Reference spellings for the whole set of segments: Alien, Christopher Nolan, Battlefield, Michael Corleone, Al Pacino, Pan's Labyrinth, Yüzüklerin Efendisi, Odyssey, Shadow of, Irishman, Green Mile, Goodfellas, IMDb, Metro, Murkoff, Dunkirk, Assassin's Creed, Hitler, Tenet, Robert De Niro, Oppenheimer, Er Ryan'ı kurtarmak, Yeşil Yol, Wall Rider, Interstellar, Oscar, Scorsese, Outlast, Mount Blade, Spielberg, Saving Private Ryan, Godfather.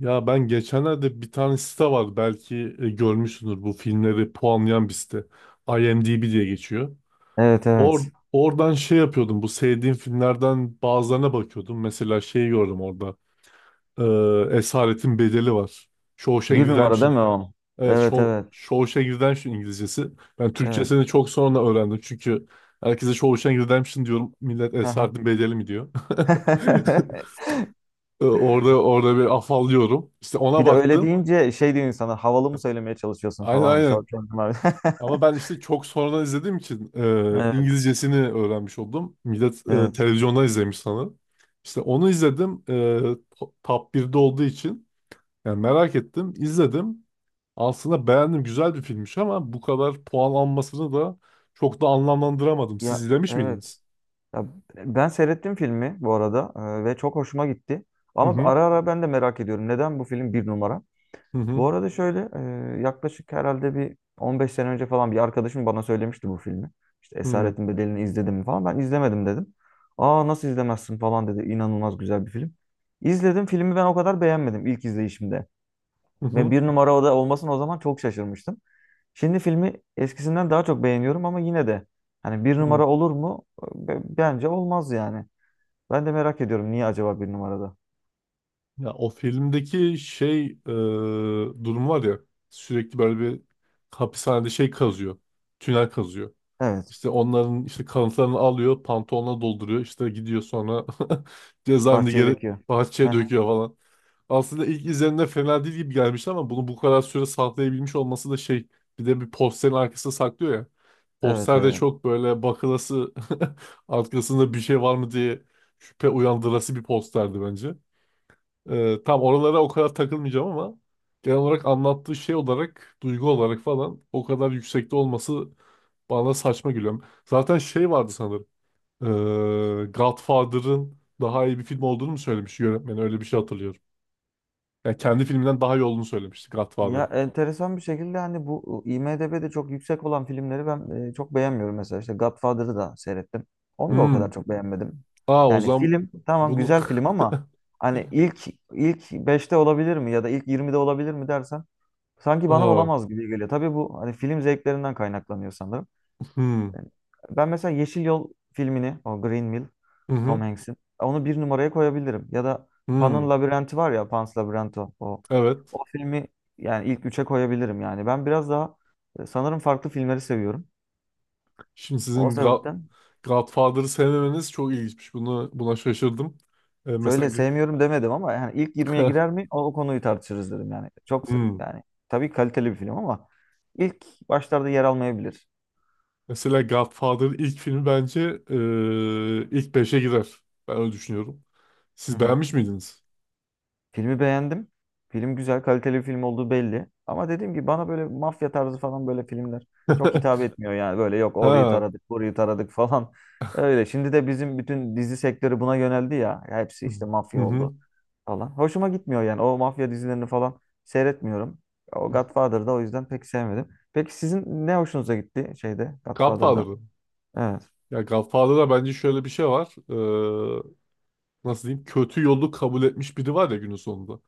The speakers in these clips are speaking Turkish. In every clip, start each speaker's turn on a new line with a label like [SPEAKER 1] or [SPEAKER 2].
[SPEAKER 1] Ya ben geçenlerde bir tane site var belki görmüşsündür bu filmleri puanlayan bir site. IMDb diye geçiyor.
[SPEAKER 2] Evet
[SPEAKER 1] Or
[SPEAKER 2] evet.
[SPEAKER 1] Oradan şey yapıyordum, bu sevdiğim filmlerden bazılarına bakıyordum. Mesela şeyi gördüm orada. Esaretin Bedeli var. Shawshank
[SPEAKER 2] Bir numara değil
[SPEAKER 1] Redemption.
[SPEAKER 2] mi o?
[SPEAKER 1] Evet,
[SPEAKER 2] Evet evet.
[SPEAKER 1] Shawshank Redemption İngilizcesi. Ben
[SPEAKER 2] Evet.
[SPEAKER 1] Türkçesini çok sonra öğrendim çünkü herkese Shawshank Redemption diyorum. Millet
[SPEAKER 2] Aha.
[SPEAKER 1] Esaretin Bedeli mi diyor. Orada bir afallıyorum. İşte ona
[SPEAKER 2] Bir de öyle
[SPEAKER 1] baktım.
[SPEAKER 2] deyince şey diyor insanlar havalı mı söylemeye çalışıyorsun
[SPEAKER 1] Aynen,
[SPEAKER 2] falan.
[SPEAKER 1] aynen.
[SPEAKER 2] Şort var.
[SPEAKER 1] Ama ben işte çok sonradan izlediğim için
[SPEAKER 2] Evet.
[SPEAKER 1] İngilizcesini öğrenmiş oldum. Millet
[SPEAKER 2] Evet.
[SPEAKER 1] televizyondan izlemiş sana. İşte onu izledim. Top 1'de olduğu için. Yani merak ettim, izledim. Aslında beğendim. Güzel bir filmmiş ama bu kadar puan almasını da çok da anlamlandıramadım. Siz
[SPEAKER 2] Ya
[SPEAKER 1] izlemiş miydiniz?
[SPEAKER 2] evet. Ya, ben seyrettim filmi bu arada ve çok hoşuma gitti.
[SPEAKER 1] Hı
[SPEAKER 2] Ama
[SPEAKER 1] hı.
[SPEAKER 2] ara ara ben de merak ediyorum. Neden bu film bir numara?
[SPEAKER 1] Hı
[SPEAKER 2] Bu
[SPEAKER 1] hı.
[SPEAKER 2] arada şöyle yaklaşık herhalde bir 15 sene önce falan bir arkadaşım bana söylemişti bu filmi. İşte
[SPEAKER 1] Hı
[SPEAKER 2] Esaretin Bedeli'ni izledim mi falan. Ben izlemedim dedim. Aa nasıl izlemezsin falan dedi. İnanılmaz güzel bir film. İzledim filmi, ben o kadar beğenmedim ilk izleyişimde. Ve
[SPEAKER 1] hı.
[SPEAKER 2] bir numara oda olmasına o zaman çok şaşırmıştım. Şimdi filmi eskisinden daha çok beğeniyorum ama yine de hani bir
[SPEAKER 1] Hı, hı.
[SPEAKER 2] numara olur mu? Bence olmaz yani. Ben de merak ediyorum niye acaba bir numarada?
[SPEAKER 1] Ya o filmdeki şey, durum var ya, sürekli böyle bir hapishanede şey kazıyor. Tünel kazıyor.
[SPEAKER 2] Evet.
[SPEAKER 1] İşte onların işte kanıtlarını alıyor, pantolonuna dolduruyor. İşte gidiyor sonra cezaevinde
[SPEAKER 2] Bahçeyi
[SPEAKER 1] geri
[SPEAKER 2] döküyor.
[SPEAKER 1] bahçeye
[SPEAKER 2] Heh,
[SPEAKER 1] döküyor falan. Aslında ilk izlenimde fena değil gibi gelmiş ama bunu bu kadar süre saklayabilmiş olması da şey, bir de bir posterin arkasında saklıyor ya.
[SPEAKER 2] evet
[SPEAKER 1] Poster de
[SPEAKER 2] evet.
[SPEAKER 1] çok böyle bakılası, arkasında bir şey var mı diye şüphe uyandırası bir posterdi bence. Tam oralara o kadar takılmayacağım ama genel olarak anlattığı şey olarak, duygu olarak falan o kadar yüksekte olması bana saçma gülüyorum. Zaten şey vardı sanırım. Ee, Godfather'ın daha iyi bir film olduğunu mu söylemiş yönetmen? Öyle bir şey hatırlıyorum. Yani kendi filminden daha iyi olduğunu söylemişti
[SPEAKER 2] Ya
[SPEAKER 1] Godfather'ın.
[SPEAKER 2] enteresan bir şekilde hani bu IMDb'de çok yüksek olan filmleri ben çok beğenmiyorum, mesela işte Godfather'ı da seyrettim. Onu da o kadar
[SPEAKER 1] Hmm.
[SPEAKER 2] çok beğenmedim.
[SPEAKER 1] Aa, o
[SPEAKER 2] Yani
[SPEAKER 1] zaman
[SPEAKER 2] film tamam,
[SPEAKER 1] bunu...
[SPEAKER 2] güzel film ama hani ilk beşte olabilir mi ya da ilk 20'de olabilir mi dersen, sanki bana
[SPEAKER 1] Aa,
[SPEAKER 2] olamaz gibi geliyor. Tabii bu hani film zevklerinden kaynaklanıyor sanırım.
[SPEAKER 1] hmm.
[SPEAKER 2] Ben mesela Yeşil Yol filmini, o Green Mile,
[SPEAKER 1] Hı
[SPEAKER 2] Tom
[SPEAKER 1] hı.
[SPEAKER 2] Hanks'in. Onu bir numaraya koyabilirim. Ya da Pan'ın
[SPEAKER 1] Hmm.
[SPEAKER 2] Labirenti var ya, Pan's Labyrinth o.
[SPEAKER 1] Evet.
[SPEAKER 2] O filmi yani ilk üçe koyabilirim yani. Ben biraz daha sanırım farklı filmleri seviyorum.
[SPEAKER 1] Şimdi
[SPEAKER 2] O
[SPEAKER 1] sizin Gra-
[SPEAKER 2] sebepten
[SPEAKER 1] Godfather'ı sevmemeniz çok ilginçmiş. Buna şaşırdım. Mesela.
[SPEAKER 2] şöyle sevmiyorum demedim ama yani ilk 20'ye girer mi, o konuyu tartışırız dedim yani. Çok se-
[SPEAKER 1] Hmm.
[SPEAKER 2] yani tabii kaliteli bir film ama ilk başlarda yer almayabilir.
[SPEAKER 1] Mesela Godfather'ın ilk filmi bence ilk beşe girer. Ben öyle düşünüyorum.
[SPEAKER 2] Hı
[SPEAKER 1] Siz
[SPEAKER 2] hı.
[SPEAKER 1] beğenmiş miydiniz?
[SPEAKER 2] Filmi beğendim. Film güzel, kaliteli bir film olduğu belli. Ama dediğim gibi bana böyle mafya tarzı falan böyle filmler çok hitap etmiyor yani. Böyle yok orayı
[SPEAKER 1] Ha.
[SPEAKER 2] taradık, burayı taradık falan. Öyle. Şimdi de bizim bütün dizi sektörü buna yöneldi ya. Hepsi işte
[SPEAKER 1] Hı
[SPEAKER 2] mafya
[SPEAKER 1] hı.
[SPEAKER 2] oldu falan. Hoşuma gitmiyor yani. O mafya dizilerini falan seyretmiyorum. O Godfather'da o yüzden pek sevmedim. Peki sizin ne hoşunuza gitti şeyde, Godfather'da?
[SPEAKER 1] Godfather'ı.
[SPEAKER 2] Evet.
[SPEAKER 1] Ya Godfather'da bence şöyle bir şey var. Nasıl diyeyim? Kötü yolu kabul etmiş biri var ya günün sonunda.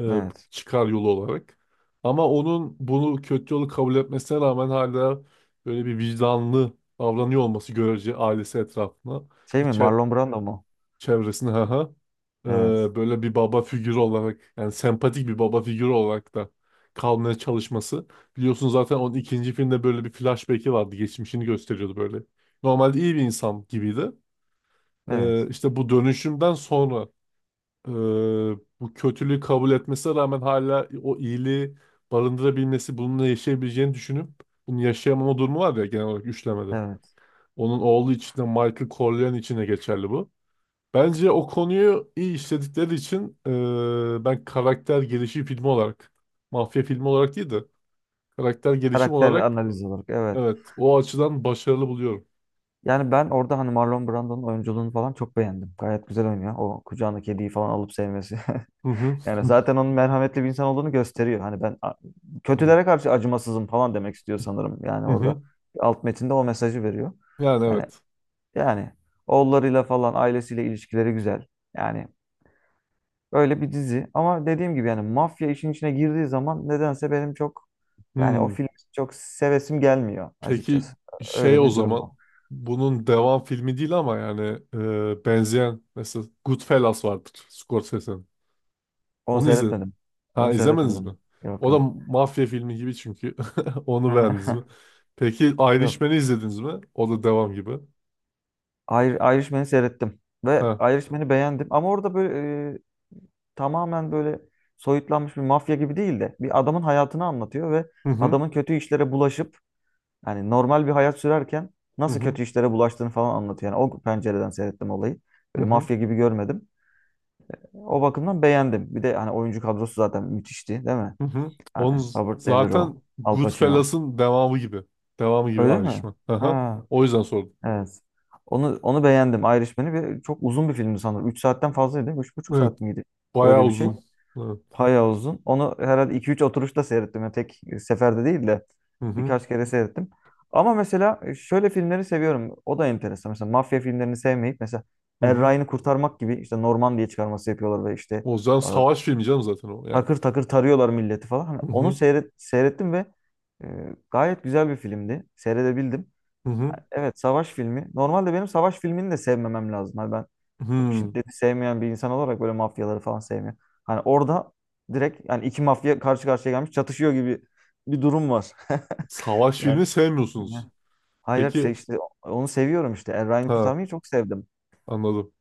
[SPEAKER 1] Ee,
[SPEAKER 2] Evet.
[SPEAKER 1] Çıkar yolu olarak. Ama onun bunu kötü yolu kabul etmesine rağmen hala böyle bir vicdanlı davranıyor olması, görece ailesi etrafına.
[SPEAKER 2] Şey mi, Marlon Brando mu?
[SPEAKER 1] Çevresinde, ha ha. Ee,
[SPEAKER 2] Evet.
[SPEAKER 1] Böyle bir baba figürü olarak, yani sempatik bir baba figürü olarak da kalmaya çalışması. Biliyorsun zaten onun ikinci filmde böyle bir flashback'i vardı. Geçmişini gösteriyordu böyle. Normalde iyi bir insan gibiydi.
[SPEAKER 2] Evet.
[SPEAKER 1] İşte bu dönüşümden sonra e, bu kötülüğü kabul etmesine rağmen hala o iyiliği barındırabilmesi, bununla yaşayabileceğini düşünüp bunu yaşayamama durumu var ya genel olarak üçlemede.
[SPEAKER 2] Evet.
[SPEAKER 1] Onun oğlu için de Michael Corleone için de geçerli bu. Bence o konuyu iyi işledikleri için ben karakter gelişim filmi olarak, mafya filmi olarak değil de karakter gelişim
[SPEAKER 2] Karakter
[SPEAKER 1] olarak,
[SPEAKER 2] analiz olarak. Evet.
[SPEAKER 1] evet, o açıdan başarılı buluyorum.
[SPEAKER 2] Yani ben orada hani Marlon Brando'nun oyunculuğunu falan çok beğendim. Gayet güzel oynuyor. O kucağına kediyi falan alıp sevmesi.
[SPEAKER 1] Hı hı.
[SPEAKER 2] Yani zaten onun merhametli bir insan olduğunu gösteriyor. Hani ben kötülere karşı acımasızım falan demek istiyor sanırım. Yani
[SPEAKER 1] Hı
[SPEAKER 2] orada
[SPEAKER 1] hı.
[SPEAKER 2] alt metinde o mesajı veriyor.
[SPEAKER 1] Yani
[SPEAKER 2] Yani
[SPEAKER 1] evet.
[SPEAKER 2] yani oğullarıyla falan, ailesiyle ilişkileri güzel. Yani öyle bir dizi. Ama dediğim gibi yani, mafya işin içine girdiği zaman nedense benim çok, yani o
[SPEAKER 1] Hmm.
[SPEAKER 2] film çok sevesim gelmiyor
[SPEAKER 1] Peki
[SPEAKER 2] açıkçası.
[SPEAKER 1] şey,
[SPEAKER 2] Öyle
[SPEAKER 1] o
[SPEAKER 2] bir durum var.
[SPEAKER 1] zaman bunun devam filmi değil ama yani benzeyen mesela Goodfellas vardır Scorsese'nin.
[SPEAKER 2] Onu
[SPEAKER 1] Onu izledin.
[SPEAKER 2] seyretmedim.
[SPEAKER 1] Ha,
[SPEAKER 2] Onu
[SPEAKER 1] izlemediniz mi?
[SPEAKER 2] seyretmedim. Yok
[SPEAKER 1] O da
[SPEAKER 2] yok.
[SPEAKER 1] mafya filmi gibi çünkü. Onu beğendiniz mi? Peki Irishman'ı
[SPEAKER 2] Yok.
[SPEAKER 1] izlediniz mi? O da devam gibi.
[SPEAKER 2] Irishman'ı seyrettim. Ve
[SPEAKER 1] Ha.
[SPEAKER 2] Irishman'ı beğendim. Ama orada böyle e, tamamen böyle soyutlanmış bir mafya gibi değil de bir adamın hayatını anlatıyor ve
[SPEAKER 1] Hı hı.
[SPEAKER 2] adamın kötü işlere bulaşıp, yani normal bir hayat sürerken
[SPEAKER 1] Hı
[SPEAKER 2] nasıl
[SPEAKER 1] hı.
[SPEAKER 2] kötü işlere bulaştığını falan anlatıyor. Yani o pencereden seyrettim olayı.
[SPEAKER 1] Hı
[SPEAKER 2] Böyle
[SPEAKER 1] hı.
[SPEAKER 2] mafya gibi görmedim. O bakımdan beğendim. Bir de hani oyuncu kadrosu zaten müthişti değil mi?
[SPEAKER 1] Hı hı.
[SPEAKER 2] Yani Robert De Niro,
[SPEAKER 1] Zaten
[SPEAKER 2] Al Pacino.
[SPEAKER 1] Goodfellas'ın devamı gibi. Devamı gibi
[SPEAKER 2] Öyle mi?
[SPEAKER 1] Irishman. Aha.
[SPEAKER 2] Ha,
[SPEAKER 1] O yüzden sordum.
[SPEAKER 2] evet. Onu beğendim, Irishman'i, ve çok uzun bir filmdi sanırım. 3 saatten fazlaydı değil mi? üç buçuk
[SPEAKER 1] Evet.
[SPEAKER 2] saat miydi?
[SPEAKER 1] Bayağı
[SPEAKER 2] Öyle bir şey.
[SPEAKER 1] uzun. Evet.
[SPEAKER 2] Bayağı uzun. Onu herhalde 2-3 oturuşta seyrettim. Yani tek seferde değil de
[SPEAKER 1] Hı hı.
[SPEAKER 2] birkaç kere seyrettim. Ama mesela şöyle filmleri seviyorum. O da enteresan. Mesela mafya filmlerini sevmeyip mesela
[SPEAKER 1] Hı
[SPEAKER 2] Er
[SPEAKER 1] hı.
[SPEAKER 2] Ryan'ı kurtarmak gibi, işte Norman diye çıkarması yapıyorlar ve işte
[SPEAKER 1] O yüzden
[SPEAKER 2] e,
[SPEAKER 1] savaş filmi canım zaten o yani.
[SPEAKER 2] takır takır tarıyorlar milleti falan. Hani
[SPEAKER 1] Hı
[SPEAKER 2] onu
[SPEAKER 1] hı.
[SPEAKER 2] seyrettim ve e, gayet güzel bir filmdi. Seyredebildim.
[SPEAKER 1] Hı hı.
[SPEAKER 2] Evet, savaş filmi. Normalde benim savaş filmini de sevmemem lazım. Hani ben çok
[SPEAKER 1] Hı.
[SPEAKER 2] şiddeti sevmeyen bir insan olarak böyle mafyaları falan sevmiyorum. Hani orada direkt yani iki mafya karşı karşıya gelmiş çatışıyor gibi bir durum var.
[SPEAKER 1] Savaş filmi sevmiyorsunuz.
[SPEAKER 2] Yani hayır,
[SPEAKER 1] Peki.
[SPEAKER 2] işte onu seviyorum işte. Er Ryan'ı
[SPEAKER 1] Ha.
[SPEAKER 2] kurtarmayı çok sevdim.
[SPEAKER 1] Anladım.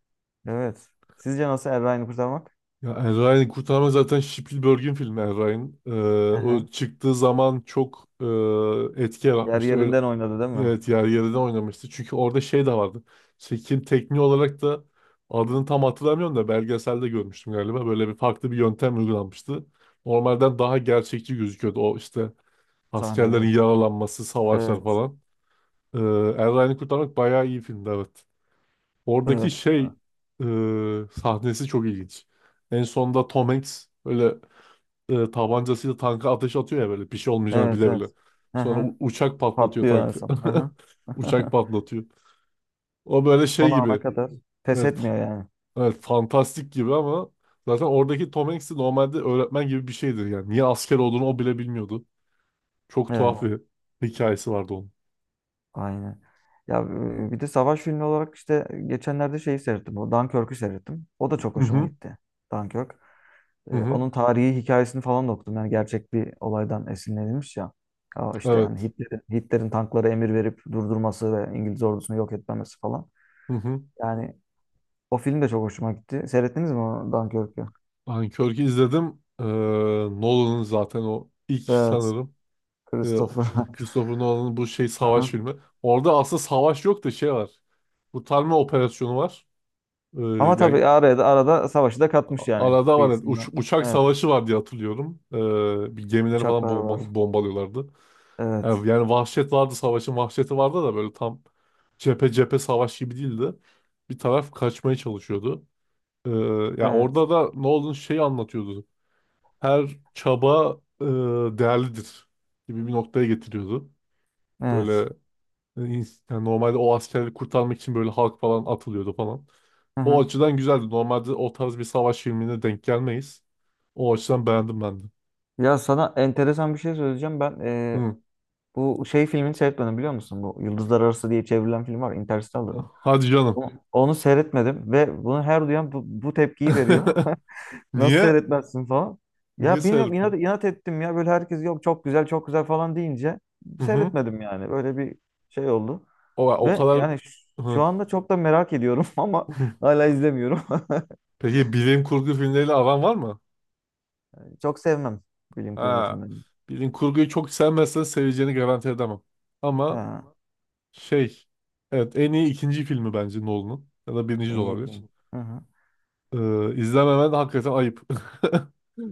[SPEAKER 2] Evet. Sizce nasıl Er Ryan'ı kurtarmak?
[SPEAKER 1] Ya Er Ryan'ı kurtarma zaten Spielberg'in filmi Er Ryan.
[SPEAKER 2] Hı
[SPEAKER 1] O
[SPEAKER 2] hı.
[SPEAKER 1] çıktığı zaman çok etki
[SPEAKER 2] Yer
[SPEAKER 1] yaratmıştı. Öyle,
[SPEAKER 2] yerinden oynadı değil mi?
[SPEAKER 1] evet, yer yerinden oynamıştı. Çünkü orada şey de vardı. Çekim tekniği olarak da adını tam hatırlamıyorum da belgeselde görmüştüm galiba. Böyle bir farklı bir yöntem uygulanmıştı. Normalden daha gerçekçi gözüküyordu. O işte askerlerin
[SPEAKER 2] Sahneler.
[SPEAKER 1] yaralanması, savaşlar
[SPEAKER 2] Evet.
[SPEAKER 1] falan. Ee, Er Ryan'ı kurtarmak bayağı iyi filmdi, evet. Oradaki
[SPEAKER 2] Evet.
[SPEAKER 1] şey, e, sahnesi çok ilginç. En sonda Tom Hanks böyle tabancasıyla tanka ateş atıyor ya, böyle bir şey olmayacağını
[SPEAKER 2] Evet.
[SPEAKER 1] bile
[SPEAKER 2] Evet.
[SPEAKER 1] bile.
[SPEAKER 2] Hı
[SPEAKER 1] Sonra
[SPEAKER 2] hı.
[SPEAKER 1] uçak patlatıyor
[SPEAKER 2] Patlıyor en
[SPEAKER 1] tankı.
[SPEAKER 2] son. Hı hı.
[SPEAKER 1] Uçak patlatıyor. O böyle
[SPEAKER 2] Son
[SPEAKER 1] şey gibi.
[SPEAKER 2] ana kadar pes
[SPEAKER 1] Evet, f-
[SPEAKER 2] etmiyor yani.
[SPEAKER 1] evet, fantastik gibi ama zaten oradaki Tom Hanks de normalde öğretmen gibi bir şeydir yani. Niye asker olduğunu o bile bilmiyordu. Çok tuhaf
[SPEAKER 2] Evet.
[SPEAKER 1] bir hikayesi vardı onun.
[SPEAKER 2] Aynen. Ya bir de savaş filmi olarak işte geçenlerde şeyi seyrettim. O Dunkirk'ü seyrettim. O da çok
[SPEAKER 1] Hı
[SPEAKER 2] hoşuma
[SPEAKER 1] hı.
[SPEAKER 2] gitti. Dunkirk.
[SPEAKER 1] Hı hı.
[SPEAKER 2] Onun tarihi hikayesini falan da okudum. Yani gerçek bir olaydan esinlenilmiş ya. Ya işte yani
[SPEAKER 1] Evet.
[SPEAKER 2] Hitler'in tanklara emir verip durdurması ve İngiliz ordusunu yok etmemesi falan.
[SPEAKER 1] Hı hı.
[SPEAKER 2] Yani o film de çok hoşuma gitti. Seyrettiniz mi o Dunkirk'ü?
[SPEAKER 1] Dunkirk'ü izledim. Nolan'ın zaten o ilk
[SPEAKER 2] Evet.
[SPEAKER 1] sanırım. Ee,
[SPEAKER 2] Christopher.
[SPEAKER 1] Christopher Nolan'ın bu şey savaş
[SPEAKER 2] Aha.
[SPEAKER 1] filmi. Orada aslında savaş yok da şey var. Kurtarma operasyonu var. Ee,
[SPEAKER 2] Ama
[SPEAKER 1] yani
[SPEAKER 2] tabii arada arada savaşı da katmış yani,
[SPEAKER 1] arada var. Yani
[SPEAKER 2] kıyısından.
[SPEAKER 1] uçak
[SPEAKER 2] Evet.
[SPEAKER 1] savaşı var diye hatırlıyorum. Bir gemileri falan
[SPEAKER 2] Uçaklar var.
[SPEAKER 1] bombalıyorlardı.
[SPEAKER 2] Evet.
[SPEAKER 1] Yani vahşet vardı. Savaşın vahşeti vardı da böyle tam cephe cephe savaş gibi değildi. Bir taraf kaçmaya çalışıyordu. Ee, Ya
[SPEAKER 2] Evet.
[SPEAKER 1] orada da Nolan şeyi anlatıyordu. Her çaba değerlidir gibi bir noktaya getiriyordu.
[SPEAKER 2] Evet.
[SPEAKER 1] Böyle yani normalde o askerleri kurtarmak için böyle halk falan atılıyordu falan.
[SPEAKER 2] Hı
[SPEAKER 1] O
[SPEAKER 2] hı.
[SPEAKER 1] açıdan güzeldi. Normalde o tarz bir savaş filmine denk gelmeyiz. O açıdan beğendim ben de.
[SPEAKER 2] Ya sana enteresan bir şey söyleyeceğim. Ben
[SPEAKER 1] Hı.
[SPEAKER 2] bu şey filmini seyretmedim biliyor musun? Bu Yıldızlar Arası diye çevrilen film var. Interstellar.
[SPEAKER 1] Hadi canım.
[SPEAKER 2] Onu seyretmedim ve bunu her duyan bu tepkiyi veriyor. Nasıl
[SPEAKER 1] Niye?
[SPEAKER 2] seyretmezsin falan.
[SPEAKER 1] Niye
[SPEAKER 2] Ya bilmiyorum, inat,
[SPEAKER 1] seyrettin?
[SPEAKER 2] inat ettim ya. Böyle herkes yok çok güzel çok güzel falan deyince
[SPEAKER 1] Hı hı.
[SPEAKER 2] seyretmedim yani. Böyle bir şey oldu.
[SPEAKER 1] O
[SPEAKER 2] Ve
[SPEAKER 1] kadar...
[SPEAKER 2] yani şu
[SPEAKER 1] Hı.
[SPEAKER 2] anda çok da merak ediyorum ama
[SPEAKER 1] Hı.
[SPEAKER 2] hala izlemiyorum.
[SPEAKER 1] Peki bilim kurgu filmleriyle aran var mı?
[SPEAKER 2] Çok sevmem bilim kurgu
[SPEAKER 1] Ha.
[SPEAKER 2] filmlerini.
[SPEAKER 1] Bilim kurguyu çok sevmezsen seveceğini garanti edemem. Ama
[SPEAKER 2] Ha,
[SPEAKER 1] şey, evet, en iyi ikinci filmi bence Nolan'ın. Ya da birinci de
[SPEAKER 2] en iyi
[SPEAKER 1] olabilir.
[SPEAKER 2] film. Hı hı.
[SPEAKER 1] İzlememen hakikaten ayıp.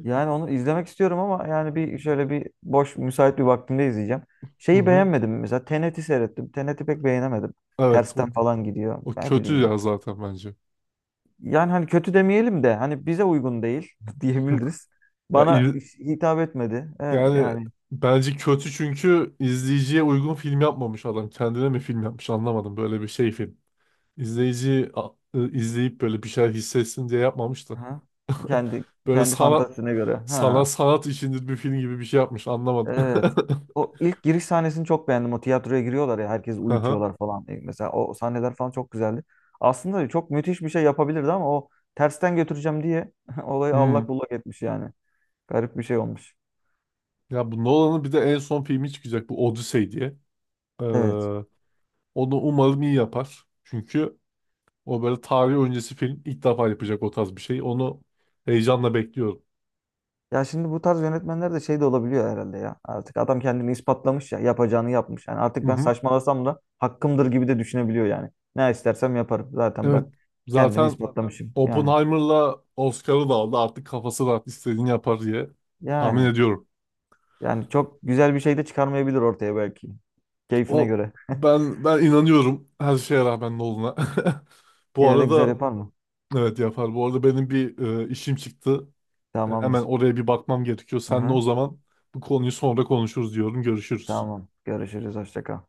[SPEAKER 2] Yani onu izlemek istiyorum ama yani bir şöyle bir boş müsait bir vaktimde izleyeceğim.
[SPEAKER 1] Hı
[SPEAKER 2] Şeyi
[SPEAKER 1] hı.
[SPEAKER 2] beğenmedim, mesela Tenet'i seyrettim. Tenet'i pek beğenemedim.
[SPEAKER 1] Evet, o,
[SPEAKER 2] Tersten falan gidiyor.
[SPEAKER 1] O
[SPEAKER 2] Ne
[SPEAKER 1] kötü
[SPEAKER 2] bileyim.
[SPEAKER 1] ya zaten bence.
[SPEAKER 2] Yani hani kötü demeyelim de hani bize uygun değil diyebiliriz.
[SPEAKER 1] Ya,
[SPEAKER 2] Bana
[SPEAKER 1] il-
[SPEAKER 2] hitap etmedi.
[SPEAKER 1] Yani
[SPEAKER 2] Yani
[SPEAKER 1] bence kötü çünkü izleyiciye uygun film yapmamış adam. Kendine mi film yapmış anlamadım. Böyle bir şey film. İzleyip böyle bir şeyler hissetsin diye yapmamış da.
[SPEAKER 2] ha, kendi
[SPEAKER 1] Böyle
[SPEAKER 2] kendi
[SPEAKER 1] sanat
[SPEAKER 2] fantazisine göre.
[SPEAKER 1] sana
[SPEAKER 2] Ha.
[SPEAKER 1] sanat içindir bir film gibi bir şey yapmış, anlamadım.
[SPEAKER 2] Evet. O ilk giriş sahnesini çok beğendim. O tiyatroya giriyorlar ya, herkes
[SPEAKER 1] Aha.
[SPEAKER 2] uyutuyorlar falan. Mesela o sahneler falan çok güzeldi. Aslında çok müthiş bir şey yapabilirdi ama o tersten götüreceğim diye olayı allak bullak etmiş yani. Garip bir şey olmuş.
[SPEAKER 1] Ya bu Nolan'ın bir de en son filmi çıkacak, bu Odyssey diye. Ee,
[SPEAKER 2] Evet.
[SPEAKER 1] Onu umarım iyi yapar. Çünkü o böyle tarih öncesi film ilk defa yapacak, o tarz bir şey. Onu heyecanla bekliyorum.
[SPEAKER 2] Ya şimdi bu tarz yönetmenler de şey de olabiliyor herhalde ya. Artık adam kendini ispatlamış ya. Yapacağını yapmış. Yani
[SPEAKER 1] Hı
[SPEAKER 2] artık ben
[SPEAKER 1] hı.
[SPEAKER 2] saçmalasam da hakkımdır gibi de düşünebiliyor yani. Ne istersem yaparım. Zaten ben
[SPEAKER 1] Evet.
[SPEAKER 2] kendimi
[SPEAKER 1] Zaten
[SPEAKER 2] ispatlamışım. Yani.
[SPEAKER 1] Oppenheimer'la Oscar'ı da aldı. Artık kafası rahat istediğini yapar diye tahmin
[SPEAKER 2] Yani.
[SPEAKER 1] ediyorum.
[SPEAKER 2] Yani çok güzel bir şey de çıkarmayabilir ortaya belki. Keyfine
[SPEAKER 1] O,
[SPEAKER 2] göre.
[SPEAKER 1] ben inanıyorum her şeye rağmen Nolan'a. Bu
[SPEAKER 2] Yine de güzel
[SPEAKER 1] arada
[SPEAKER 2] yapar mı?
[SPEAKER 1] evet, yapar. Bu arada benim bir işim çıktı. Ben hemen
[SPEAKER 2] Tamamdır.
[SPEAKER 1] oraya bir bakmam gerekiyor. Seninle
[SPEAKER 2] Aha,
[SPEAKER 1] o zaman bu konuyu sonra konuşuruz diyorum. Görüşürüz.
[SPEAKER 2] tamam. Görüşürüz. Hoşça kal.